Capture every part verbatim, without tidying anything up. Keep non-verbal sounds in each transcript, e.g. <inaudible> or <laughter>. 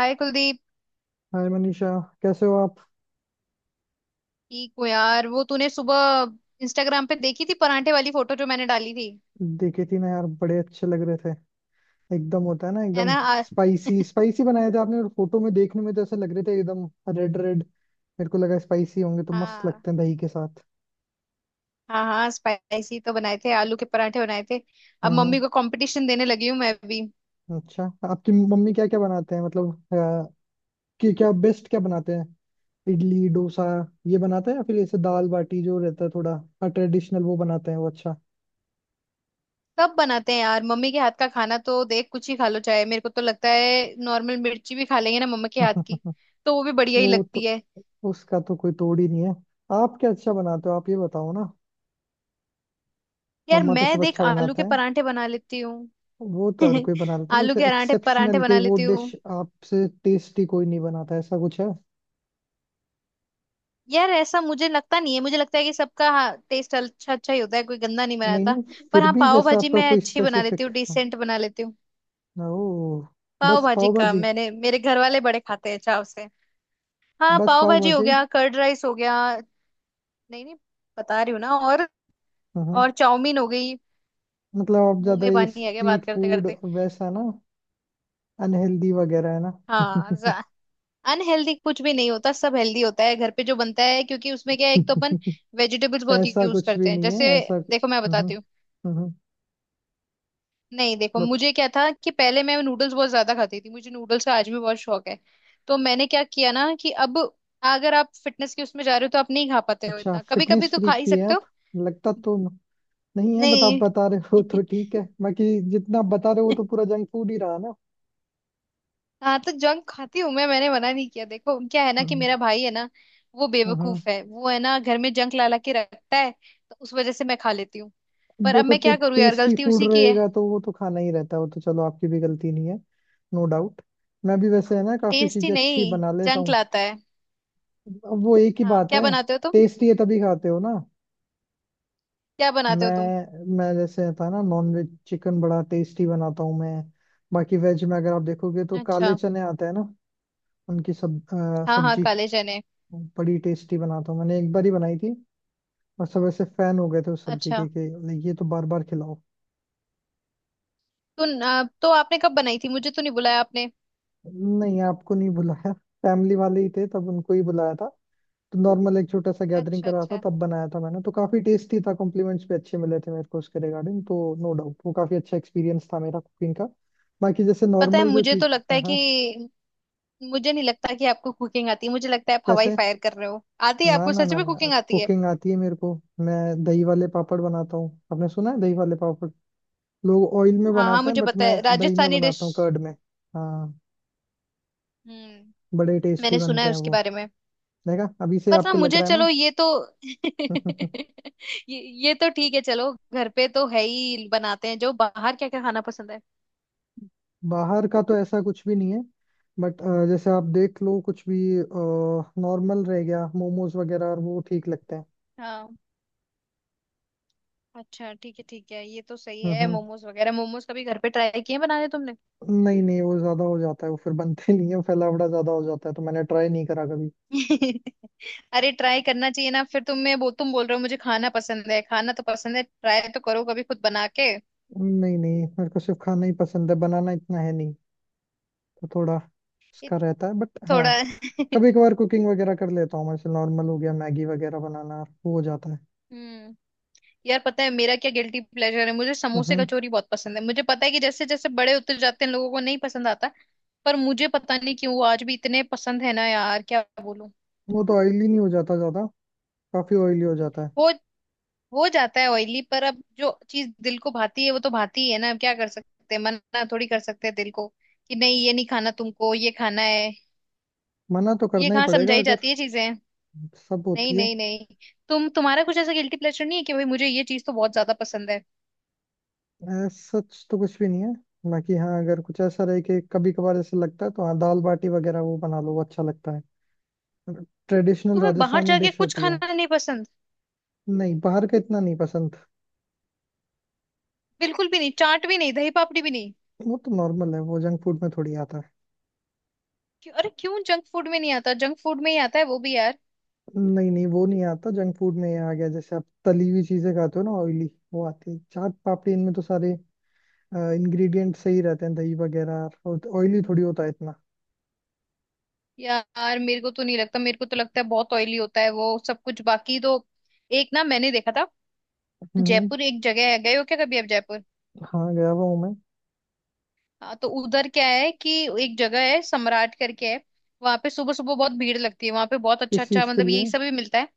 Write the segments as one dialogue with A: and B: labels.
A: हाय Kuldeep.
B: Hi Manisha. कैसे हो आप?
A: ठीक हो यार? वो तूने सुबह इंस्टाग्राम पे देखी थी परांठे वाली फोटो जो मैंने डाली थी?
B: देखे थी ना यार, बड़े अच्छे लग रहे थे। एकदम होता है ना,
A: है ना।
B: एकदम
A: आ,
B: स्पाइसी स्पाइसी बनाए थे आपने, और फोटो में देखने में तो ऐसे लग रहे थे एकदम रेड रेड। मेरे को लगा स्पाइसी होंगे तो मस्त
A: हाँ
B: लगते हैं दही के साथ।
A: हाँ, हाँ स्पाइसी तो बनाए थे, आलू के परांठे बनाए थे। अब मम्मी
B: हम्म।
A: को कंपटीशन देने लगी हूँ मैं भी।
B: अच्छा, आपकी मम्मी क्या क्या बनाते हैं, मतलब अ, कि क्या बेस्ट क्या बनाते हैं? इडली डोसा ये बनाते हैं या फिर ऐसे दाल बाटी जो रहता है, थोड़ा ट्रेडिशनल वो बनाते हैं? वो अच्छा।
A: सब बनाते हैं यार, मम्मी के हाथ का खाना तो देख, कुछ ही खा लो चाहे। मेरे को तो लगता है नॉर्मल मिर्ची भी खा लेंगे ना मम्मा के हाथ की,
B: <laughs>
A: तो वो भी बढ़िया ही
B: वो
A: लगती
B: तो,
A: है।
B: उसका तो कोई तोड़ ही नहीं है। आप क्या अच्छा बनाते हो, आप ये बताओ ना।
A: यार
B: मम्मा तो सब
A: मैं देख,
B: अच्छा
A: आलू
B: बनाते
A: के
B: हैं,
A: परांठे बना लेती हूँ।
B: वो तो हर कोई बना
A: <laughs>
B: लेता है,
A: आलू
B: वैसे
A: के परांठे, परांठे
B: एक्सेप्शनल के
A: बना
B: वो
A: लेती
B: डिश
A: हूँ।
B: आपसे टेस्टी कोई नहीं बनाता, ऐसा कुछ है?
A: यार ऐसा मुझे लगता नहीं है, मुझे लगता है कि सबका, हाँ, टेस्ट अच्छा, अच्छा ही होता है, कोई गंदा नहीं
B: नहीं
A: बनाता।
B: नहीं,
A: पर
B: फिर
A: हाँ,
B: भी
A: पाव
B: जैसे
A: भाजी
B: आपका
A: मैं
B: कोई
A: अच्छी बना लेती
B: स्पेसिफिक।
A: हूँ, डिसेंट बना लेती हूँ।
B: ओ।
A: पाव
B: बस
A: भाजी
B: पाव
A: का,
B: भाजी?
A: मैंने, मेरे घर वाले बड़े खाते हैं चाव से। हाँ,
B: बस
A: पाव
B: पाव
A: भाजी हो
B: भाजी?
A: गया, कर्ड राइस हो गया। नहीं नहीं, बता रही हूँ ना, और
B: हम्म।
A: और चाउमीन हो गई।
B: मतलब आप
A: मुंह
B: ज्यादा
A: में
B: ये
A: पानी आ गया
B: स्ट्रीट
A: बात करते
B: फूड
A: करते।
B: वैसा ना, अनहेल्दी वगैरह है ना?
A: हाँ, अनहेल्दी कुछ भी नहीं होता, सब हेल्दी होता है घर पे जो बनता है। क्योंकि उसमें क्या है, एक तो अपन
B: <laughs>
A: वेजिटेबल्स बहुत
B: ऐसा
A: यूज
B: कुछ
A: करते
B: भी
A: हैं,
B: नहीं
A: जैसे
B: है ऐसा।
A: देखो, मैं
B: हम्म।
A: बताती हूँ।
B: हम्म।
A: नहीं देखो,
B: बता।
A: मुझे क्या था कि पहले मैं नूडल्स बहुत ज्यादा खाती थी, मुझे नूडल्स का आज भी बहुत शौक है। तो मैंने क्या किया ना, कि अब अगर आप फिटनेस के उसमें जा रहे हो तो आप नहीं खा पाते हो
B: अच्छा,
A: इतना, कभी कभी
B: फिटनेस
A: तो खा
B: फ्रीक
A: ही
B: भी है
A: सकते
B: आप?
A: हो।
B: लगता तो नहीं है, बट आप
A: नहीं।
B: बता रहे हो तो ठीक है। बाकी जितना आप बता रहे हो वो तो पूरा
A: <laughs>
B: जंक फूड ही रहा ना।
A: हाँ, तो जंक खाती हूँ मैं, मैंने मना नहीं किया। देखो क्या है ना, कि
B: हम्म।
A: मेरा भाई है ना, वो
B: हम्म।
A: बेवकूफ है, वो है ना घर में जंक ला ला के रखता है। तो उस वजह से मैं खा लेती हूँ।
B: अब
A: पर अब
B: देखो,
A: मैं
B: टे,
A: क्या करूँ यार,
B: टेस्टी
A: गलती
B: फूड
A: उसी की है।
B: रहेगा तो वो तो खाना ही रहता है, वो तो चलो, आपकी भी गलती नहीं है। No doubt. मैं भी वैसे है ना, काफी
A: टेस्ट ही
B: चीजें
A: नहीं,
B: अच्छी बना लेता
A: जंक
B: हूँ।
A: लाता है।
B: अब वो एक ही
A: हाँ
B: बात
A: क्या
B: है,
A: बनाते हो तुम?
B: टेस्टी है तभी खाते हो ना।
A: क्या बनाते हो तुम?
B: मैं मैं जैसे था ना, नॉन वेज चिकन बड़ा टेस्टी बनाता हूँ मैं। बाकी वेज में अगर आप देखोगे तो काले
A: अच्छा।
B: चने आते हैं ना, उनकी सब अ,
A: हाँ हाँ,
B: सब्जी
A: काले चने।
B: बड़ी टेस्टी बनाता हूँ। मैंने एक बार ही बनाई थी और सब ऐसे फैन हो गए थे उस सब्जी
A: अच्छा,
B: के कि like, ये तो बार बार खिलाओ।
A: तो न- तो आपने कब बनाई थी? मुझे तो नहीं बुलाया आपने।
B: नहीं, आपको नहीं बुलाया, फैमिली वाले ही थे तब, उनको ही बुलाया था। तो नॉर्मल एक छोटा सा गैदरिंग
A: अच्छा
B: करा था,
A: अच्छा,
B: तब बनाया था मैंने, तो काफी टेस्टी था, कॉम्प्लीमेंट्स भी अच्छे मिले थे मेरे को उसके रिगार्डिंग, तो नो डाउट वो काफी अच्छा एक्सपीरियंस था मेरा कुकिंग का। बाकी जैसे
A: पता है,
B: नॉर्मल जो
A: मुझे तो
B: चीज।
A: लगता है
B: हाँ हाँ।
A: कि मुझे नहीं लगता कि आपको कुकिंग आती है। मुझे लगता है आप हवाई
B: कैसे?
A: फायर कर रहे हो। आती है
B: ना
A: आपको?
B: ना
A: सच
B: ना
A: में
B: ना,
A: कुकिंग आती है?
B: कुकिंग आती है मेरे को। मैं दही वाले पापड़ बनाता हूँ, आपने सुना है दही वाले पापड़? लोग ऑयल में
A: हाँ हाँ,
B: बनाते हैं
A: मुझे
B: बट
A: पता
B: मैं
A: है,
B: दही में
A: राजस्थानी डिश।
B: बनाता हूँ, कर्ड में। हाँ।
A: हम्म।
B: बड़े टेस्टी
A: मैंने सुना
B: बनते
A: है
B: हैं
A: उसके
B: वो।
A: बारे में।
B: देखा, अभी से
A: पर ना
B: आपको लग
A: मुझे,
B: रहा है ना।
A: चलो ये तो, <laughs>
B: <laughs>
A: ये ये तो ठीक है, चलो घर पे तो है ही, बनाते हैं जो। बाहर क्या क्या खाना पसंद है?
B: बाहर का तो ऐसा कुछ भी नहीं है, बट जैसे आप देख लो कुछ भी नॉर्मल रह गया, मोमोज वगैरह, और वो ठीक लगते हैं।
A: हाँ। अच्छा ठीक है, ठीक है, ये तो सही
B: हम्म।
A: है
B: हम्म।
A: मोमोज वगैरह। मोमोज कभी घर पे ट्राई किए हैं बनाने तुमने?
B: नहीं नहीं, वो ज्यादा हो जाता है, वो फिर बनते <laughs> नहीं है, फैलावड़ा ज्यादा हो जाता है, तो मैंने ट्राई नहीं करा कभी।
A: <laughs> अरे ट्राई करना चाहिए ना, फिर तुम, मैं वो, तुम बोल रहे हो मुझे खाना पसंद है, खाना तो पसंद है, ट्राई तो करो कभी खुद बना के।
B: नहीं नहीं, मेरे को सिर्फ खाना ही पसंद है, बनाना इतना है नहीं, तो थोड़ा
A: ये
B: उसका रहता है, बट हाँ,
A: थोड़ा। <laughs>
B: कभी कभार कुकिंग वगैरह कर लेता हूँ मैं, जैसे नॉर्मल हो गया मैगी वगैरह बनाना, वो हो जाता है।
A: हम्म। यार पता है मेरा क्या गिल्टी प्लेजर है? मुझे समोसे
B: हम्म।
A: कचौरी बहुत पसंद है। मुझे पता है कि जैसे जैसे बड़े होते जाते हैं लोगों को नहीं पसंद आता, पर मुझे पता नहीं क्यों वो आज भी इतने पसंद है ना यार, क्या बोलूं।
B: वो तो ऑयली नहीं हो जाता ज्यादा? काफी ऑयली हो जाता है।
A: हो हो जाता है ऑयली, पर अब जो चीज दिल को भाती है वो तो भाती ही है ना। अब क्या कर सकते हैं, मना थोड़ी कर सकते हैं दिल को कि नहीं ये नहीं खाना तुमको, ये खाना है।
B: मना तो
A: ये
B: करना ही
A: कहाँ
B: पड़ेगा
A: समझाई
B: अगर।
A: जाती है चीजें।
B: सब
A: नहीं
B: होती है।
A: नहीं नहीं, तुम, तुम्हारा कुछ ऐसा गिल्टी प्लेजर नहीं है कि भाई मुझे ये चीज तो बहुत ज्यादा पसंद है?
B: ऐ, सच तो कुछ भी नहीं है, बाकी हाँ, अगर कुछ ऐसा रहे कि कभी कभार ऐसे लगता है तो हाँ, दाल बाटी वगैरह वो बना लो, वो अच्छा लगता है, ट्रेडिशनल
A: तुम्हें बाहर
B: राजस्थानी
A: जाके
B: डिश
A: कुछ
B: होती है।
A: खाना नहीं पसंद?
B: नहीं, बाहर का इतना नहीं पसंद।
A: बिल्कुल भी नहीं? चाट भी नहीं? दही पापड़ी भी नहीं?
B: वो तो नॉर्मल है, वो जंक फूड में थोड़ी आता है।
A: क्यों? अरे क्यों जंक फूड में नहीं आता? जंक फूड में ही आता है वो भी यार।
B: नहीं नहीं, वो नहीं आता जंक फूड में, ये आ गया जैसे आप तली हुई चीजें खाते हो ना ऑयली, वो आती है। चाट पापड़ी इनमें तो सारे इंग्रेडिएंट सही रहते हैं, दही वगैरह, और ऑयली थोड़ी होता है इतना।
A: यार मेरे को तो नहीं लगता, मेरे को तो लगता है बहुत ऑयली होता है वो सब कुछ। बाकी तो, एक ना मैंने देखा था,
B: हम्म।
A: जयपुर एक जगह है, गए हो क्या कभी आप जयपुर?
B: हाँ, गया हुआ हूँ मैं।
A: हाँ, तो उधर क्या है कि एक जगह है, सम्राट करके है। वहां पे सुबह सुबह बहुत भीड़ लगती है, वहां पे बहुत अच्छा
B: किस
A: अच्छा,
B: चीज के
A: मतलब
B: लिए?
A: यही सब भी मिलता है,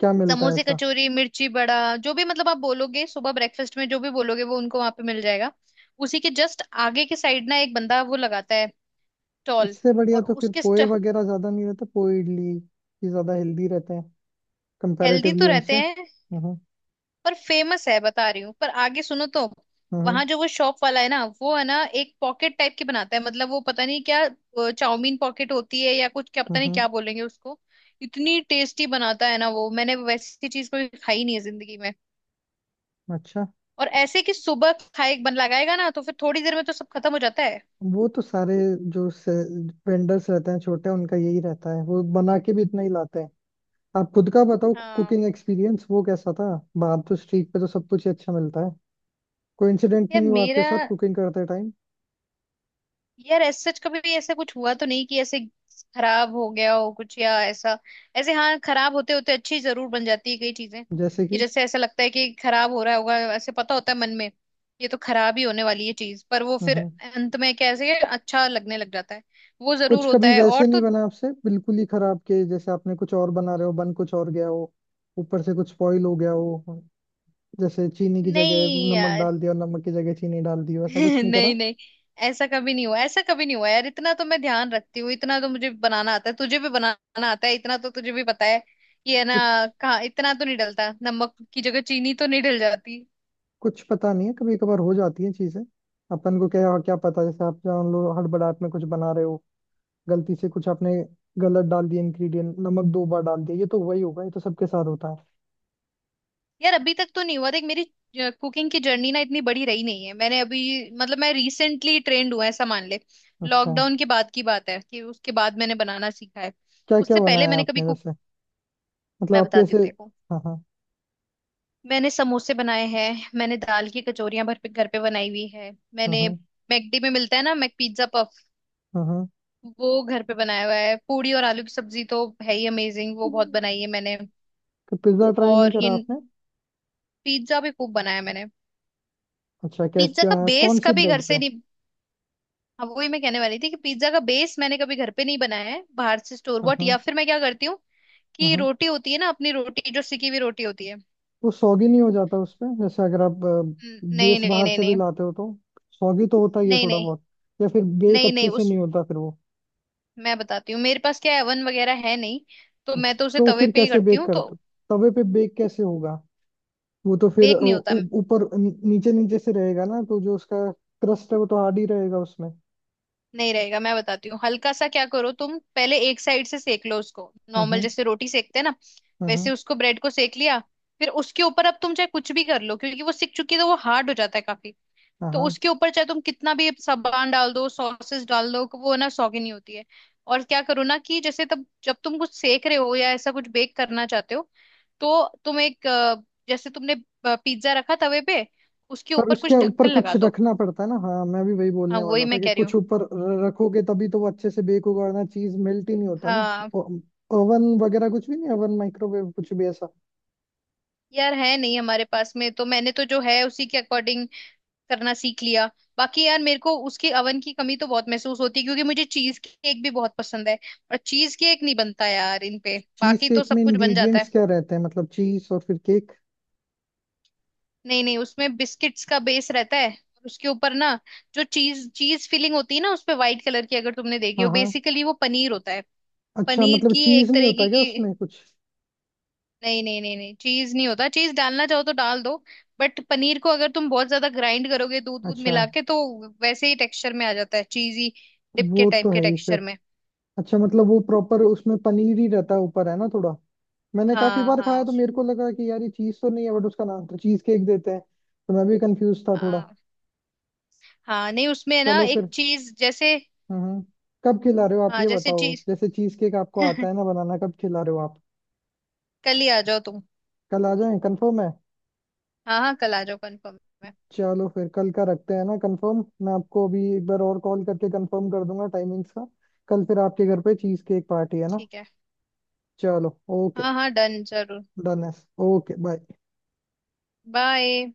B: क्या मिलता है
A: समोसे
B: ऐसा?
A: कचौरी मिर्ची बड़ा, जो भी मतलब आप बोलोगे सुबह ब्रेकफास्ट में, जो भी बोलोगे वो उनको वहां पे मिल जाएगा। उसी के जस्ट आगे की साइड ना एक बंदा वो लगाता है स्टॉल।
B: इससे बढ़िया
A: और
B: तो फिर
A: उसके,
B: पोहे वगैरह, ज्यादा नहीं रहते पोहे इडली, ये ज्यादा हेल्दी रहते हैं
A: हेल्दी तो
B: कंपैरेटिवली
A: रहते
B: उनसे।
A: हैं,
B: हम्म।
A: पर फेमस है, बता रही हूँ, पर आगे सुनो तो।
B: हम्म।
A: वहां जो वो शॉप वाला है ना, वो है ना एक पॉकेट टाइप की बनाता है, मतलब वो पता नहीं क्या अ, चाउमीन पॉकेट होती है या कुछ, क्या पता
B: हम्म।
A: नहीं
B: हम्म,
A: क्या बोलेंगे उसको। इतनी टेस्टी बनाता है ना वो, मैंने वैसी चीज कभी खाई नहीं है जिंदगी।
B: अच्छा।
A: और ऐसे कि सुबह खाए बन लगाएगा ना, तो फिर थोड़ी देर में तो सब खत्म हो जाता है।
B: वो तो सारे जो वेंडर्स रहते हैं छोटे, उनका यही रहता है, वो बना के भी इतना ही लाते हैं। आप खुद का बताओ,
A: हाँ
B: कुकिंग एक्सपीरियंस वो कैसा था, बाहर तो स्ट्रीट पे तो सब कुछ ही अच्छा मिलता है, कोई इंसिडेंट
A: यार,
B: नहीं हुआ आपके
A: मेरा,
B: साथ कुकिंग करते टाइम?
A: यार ऐसे सच कभी भी ऐसा कुछ हुआ तो नहीं कि ऐसे खराब हो गया हो कुछ या ऐसा। ऐसे हाँ, खराब होते होते अच्छी जरूर बन जाती है कई चीजें,
B: जैसे
A: कि
B: कि।
A: जैसे ऐसा लगता है कि खराब हो रहा होगा, ऐसे पता होता है मन में ये तो खराब ही होने वाली है चीज, पर वो फिर
B: हम्म।
A: अंत में कैसे अच्छा लगने लग जाता है। वो जरूर
B: कुछ
A: होता
B: कभी
A: है, और
B: वैसे
A: तो
B: नहीं बना आपसे बिल्कुल ही खराब के, जैसे आपने कुछ और बना रहे हो बन कुछ और गया हो, ऊपर से कुछ स्पॉइल हो गया हो, जैसे चीनी की जगह
A: नहीं।
B: नमक डाल दिया और नमक की जगह चीनी डाल दी हो, ऐसा कुछ
A: <laughs>
B: नहीं करा?
A: नहीं नहीं, ऐसा कभी नहीं हुआ, ऐसा कभी नहीं हुआ यार, इतना तो मैं ध्यान रखती हूँ, इतना तो मुझे बनाना आता है। तुझे भी बनाना आता है, इतना तो तुझे भी पता है कि, है ना?
B: कुछ
A: कहाँ इतना तो नहीं डलता, नमक की जगह चीनी तो नहीं डल जाती।
B: कुछ पता नहीं है, कभी कभार हो जाती है चीजें, अपन को क्या क्या पता, जैसे आप जान लो हड़बड़ाहट में कुछ बना रहे हो, गलती से कुछ आपने गलत डाल दिया इंग्रेडिएंट, नमक दो बार डाल दिया, ये तो वही होगा, ये तो सबके साथ होता है।
A: यार अभी तक तो नहीं हुआ, देख मेरी कुकिंग की जर्नी ना इतनी बड़ी रही नहीं है, मैंने अभी, मतलब मैं रिसेंटली ट्रेंड हुआ, ऐसा मान ले।
B: अच्छा,
A: लॉकडाउन के बाद की बात है कि उसके बाद मैंने बनाना सीखा है।
B: क्या क्या
A: उससे पहले
B: बनाया
A: मैंने कभी
B: आपने
A: कुक,
B: वैसे? मतलब
A: मैं
B: आपके
A: बताती
B: ऐसे।
A: हूँ देखो,
B: हाँ हाँ।
A: मैंने समोसे बनाए हैं, मैंने दाल की कचौरियां घर पे, घर पे बनाई हुई है
B: हाँ
A: मैंने।
B: हाँ।
A: मैकडी में मिलता है ना मैक पिज्जा पफ,
B: हाँ
A: वो घर पे बनाया हुआ है। पूड़ी और आलू की सब्जी तो है ही अमेजिंग, वो बहुत
B: हाँ।
A: बनाई है मैंने।
B: तो पिज्जा ट्राई नहीं
A: और ये
B: करा आपने?
A: पिज्जा भी खूब बनाया मैंने।
B: अच्छा, कैस
A: पिज्जा
B: क्या?
A: का बेस
B: कौन सी
A: कभी घर
B: ब्रेड
A: से
B: पे?
A: नहीं, हाँ वही मैं कहने वाली थी कि पिज्जा का बेस मैंने कभी घर पे नहीं बनाया है, बाहर से स्टोर
B: हाँ
A: बॉट, या
B: हाँ।
A: फिर मैं क्या करती हूँ
B: हाँ
A: कि
B: हाँ।
A: रोटी होती है ना अपनी रोटी, जो सिकी हुई रोटी होती है।
B: वो सॉगी नहीं हो जाता उस पे, जैसे अगर आप
A: हम्म, नहीं
B: बेस
A: नहीं
B: बाहर
A: नहीं
B: से भी
A: नहीं,
B: लाते हो तो सॉगी तो होता ही है
A: नहीं
B: थोड़ा
A: नहीं,
B: बहुत, या फिर बेक
A: नहीं नहीं
B: अच्छे से
A: उस,
B: नहीं होता फिर वो।
A: मैं बताती हूँ, मेरे पास क्या ओवन वगैरह है नहीं, तो मैं
B: अच्छा,
A: तो उसे
B: तो
A: तवे
B: फिर
A: पे ही
B: कैसे
A: करती
B: बेक
A: हूँ तो।
B: करते हो, तवे पे बेक कैसे होगा? वो तो फिर
A: बेक
B: अ,
A: नहीं होता।
B: ऊ- ऊपर नी- नीचे, नीचे से रहेगा ना, तो जो उसका क्रस्ट है वो तो हार्ड ही रहेगा उसमें।
A: नहीं रहेगा, मैं बताती हूँ, हल्का सा क्या करो तुम, पहले एक साइड से सेक लो उसको
B: हाँ
A: नॉर्मल,
B: हाँ।
A: जैसे रोटी सेकते हैं ना, वैसे
B: हाँ
A: उसको ब्रेड को सेक लिया। फिर उसके ऊपर अब तुम चाहे कुछ भी कर लो, क्योंकि वो सिक चुकी है तो वो हार्ड हो जाता है काफी। तो
B: हाँ।
A: उसके ऊपर चाहे तुम कितना भी सामान डाल दो, सॉसेस डाल दो, वो ना सौगी नहीं होती है। और क्या करो ना, कि जैसे तब जब तुम कुछ सेक रहे हो या ऐसा कुछ बेक करना चाहते हो, तो तुम एक अ, जैसे तुमने पिज्जा रखा तवे पे, उसके
B: पर
A: ऊपर
B: उसके
A: कुछ ढक्कन
B: ऊपर
A: लगा
B: कुछ
A: दो।
B: रखना पड़ता है ना, हाँ, मैं भी वही
A: हाँ
B: बोलने
A: वही
B: वाला था
A: मैं
B: कि
A: कह रही हूँ।
B: कुछ ऊपर र- रखोगे तभी तो वो अच्छे से बेक होगा, वरना चीज मेल्ट ही नहीं होता ना।
A: हाँ,
B: ओवन वगैरह कुछ भी नहीं? ओवन माइक्रोवेव कुछ भी ऐसा?
A: यार है नहीं हमारे पास में, तो मैंने तो जो है उसी के अकॉर्डिंग करना सीख लिया। बाकी यार मेरे को उसके अवन की कमी तो बहुत महसूस होती है, क्योंकि मुझे चीज केक भी बहुत पसंद है, और चीज केक नहीं बनता यार इन पे।
B: चीज
A: बाकी तो
B: केक में
A: सब कुछ बन जाता है।
B: इंग्रेडिएंट्स क्या रहते हैं, मतलब चीज और फिर केक?
A: नहीं नहीं, उसमें बिस्किट्स का बेस रहता है, और उसके ऊपर ना जो चीज, चीज फिलिंग होती है ना, उस पे व्हाइट कलर की अगर तुमने देखी हो,
B: हाँ हाँ।
A: बेसिकली वो पनीर होता है।
B: अच्छा,
A: पनीर
B: मतलब
A: की
B: चीज
A: एक
B: नहीं
A: तरीके
B: होता क्या
A: की,
B: उसमें कुछ?
A: नहीं नहीं नहीं नहीं, चीज नहीं होता, चीज डालना चाहो तो डाल दो, बट पनीर को अगर तुम बहुत ज्यादा ग्राइंड करोगे दूध दूध
B: अच्छा।
A: मिला के, तो वैसे ही टेक्सचर में आ जाता है चीजी, डिप के
B: वो
A: टाइप
B: तो
A: के
B: है ही फिर।
A: टेक्सचर में।
B: अच्छा, मतलब वो प्रॉपर उसमें पनीर ही रहता है ऊपर है ना थोड़ा? मैंने काफी
A: हाँ
B: बार
A: हाँ
B: खाया, तो
A: उस,
B: मेरे को लगा कि यार ये चीज तो नहीं है, बट उसका नाम तो चीज केक देते हैं, तो मैं भी कंफ्यूज था थोड़ा।
A: हाँ, हाँ नहीं, उसमें ना
B: चलो
A: एक
B: फिर।
A: चीज जैसे,
B: हम्म। कब खिला रहे हो आप,
A: हाँ
B: ये
A: जैसे
B: बताओ,
A: चीज।
B: जैसे चीज केक आपको आता
A: <laughs>
B: है ना बनाना, कब खिला रहे हो आप?
A: कल ही आ जाओ तुम।
B: कल आ जाएं, कंफर्म है?
A: हाँ हाँ, कल आ जाओ, कंफर्म है।
B: चलो फिर कल का रखते हैं ना कंफर्म, मैं आपको अभी एक बार और कॉल करके कंफर्म कर दूंगा टाइमिंग्स का। कल फिर आपके घर पे चीज केक पार्टी है ना।
A: ठीक है,
B: चलो ओके।
A: हाँ हाँ, डन, जरूर।
B: डन है। Okay bye.
A: बाय।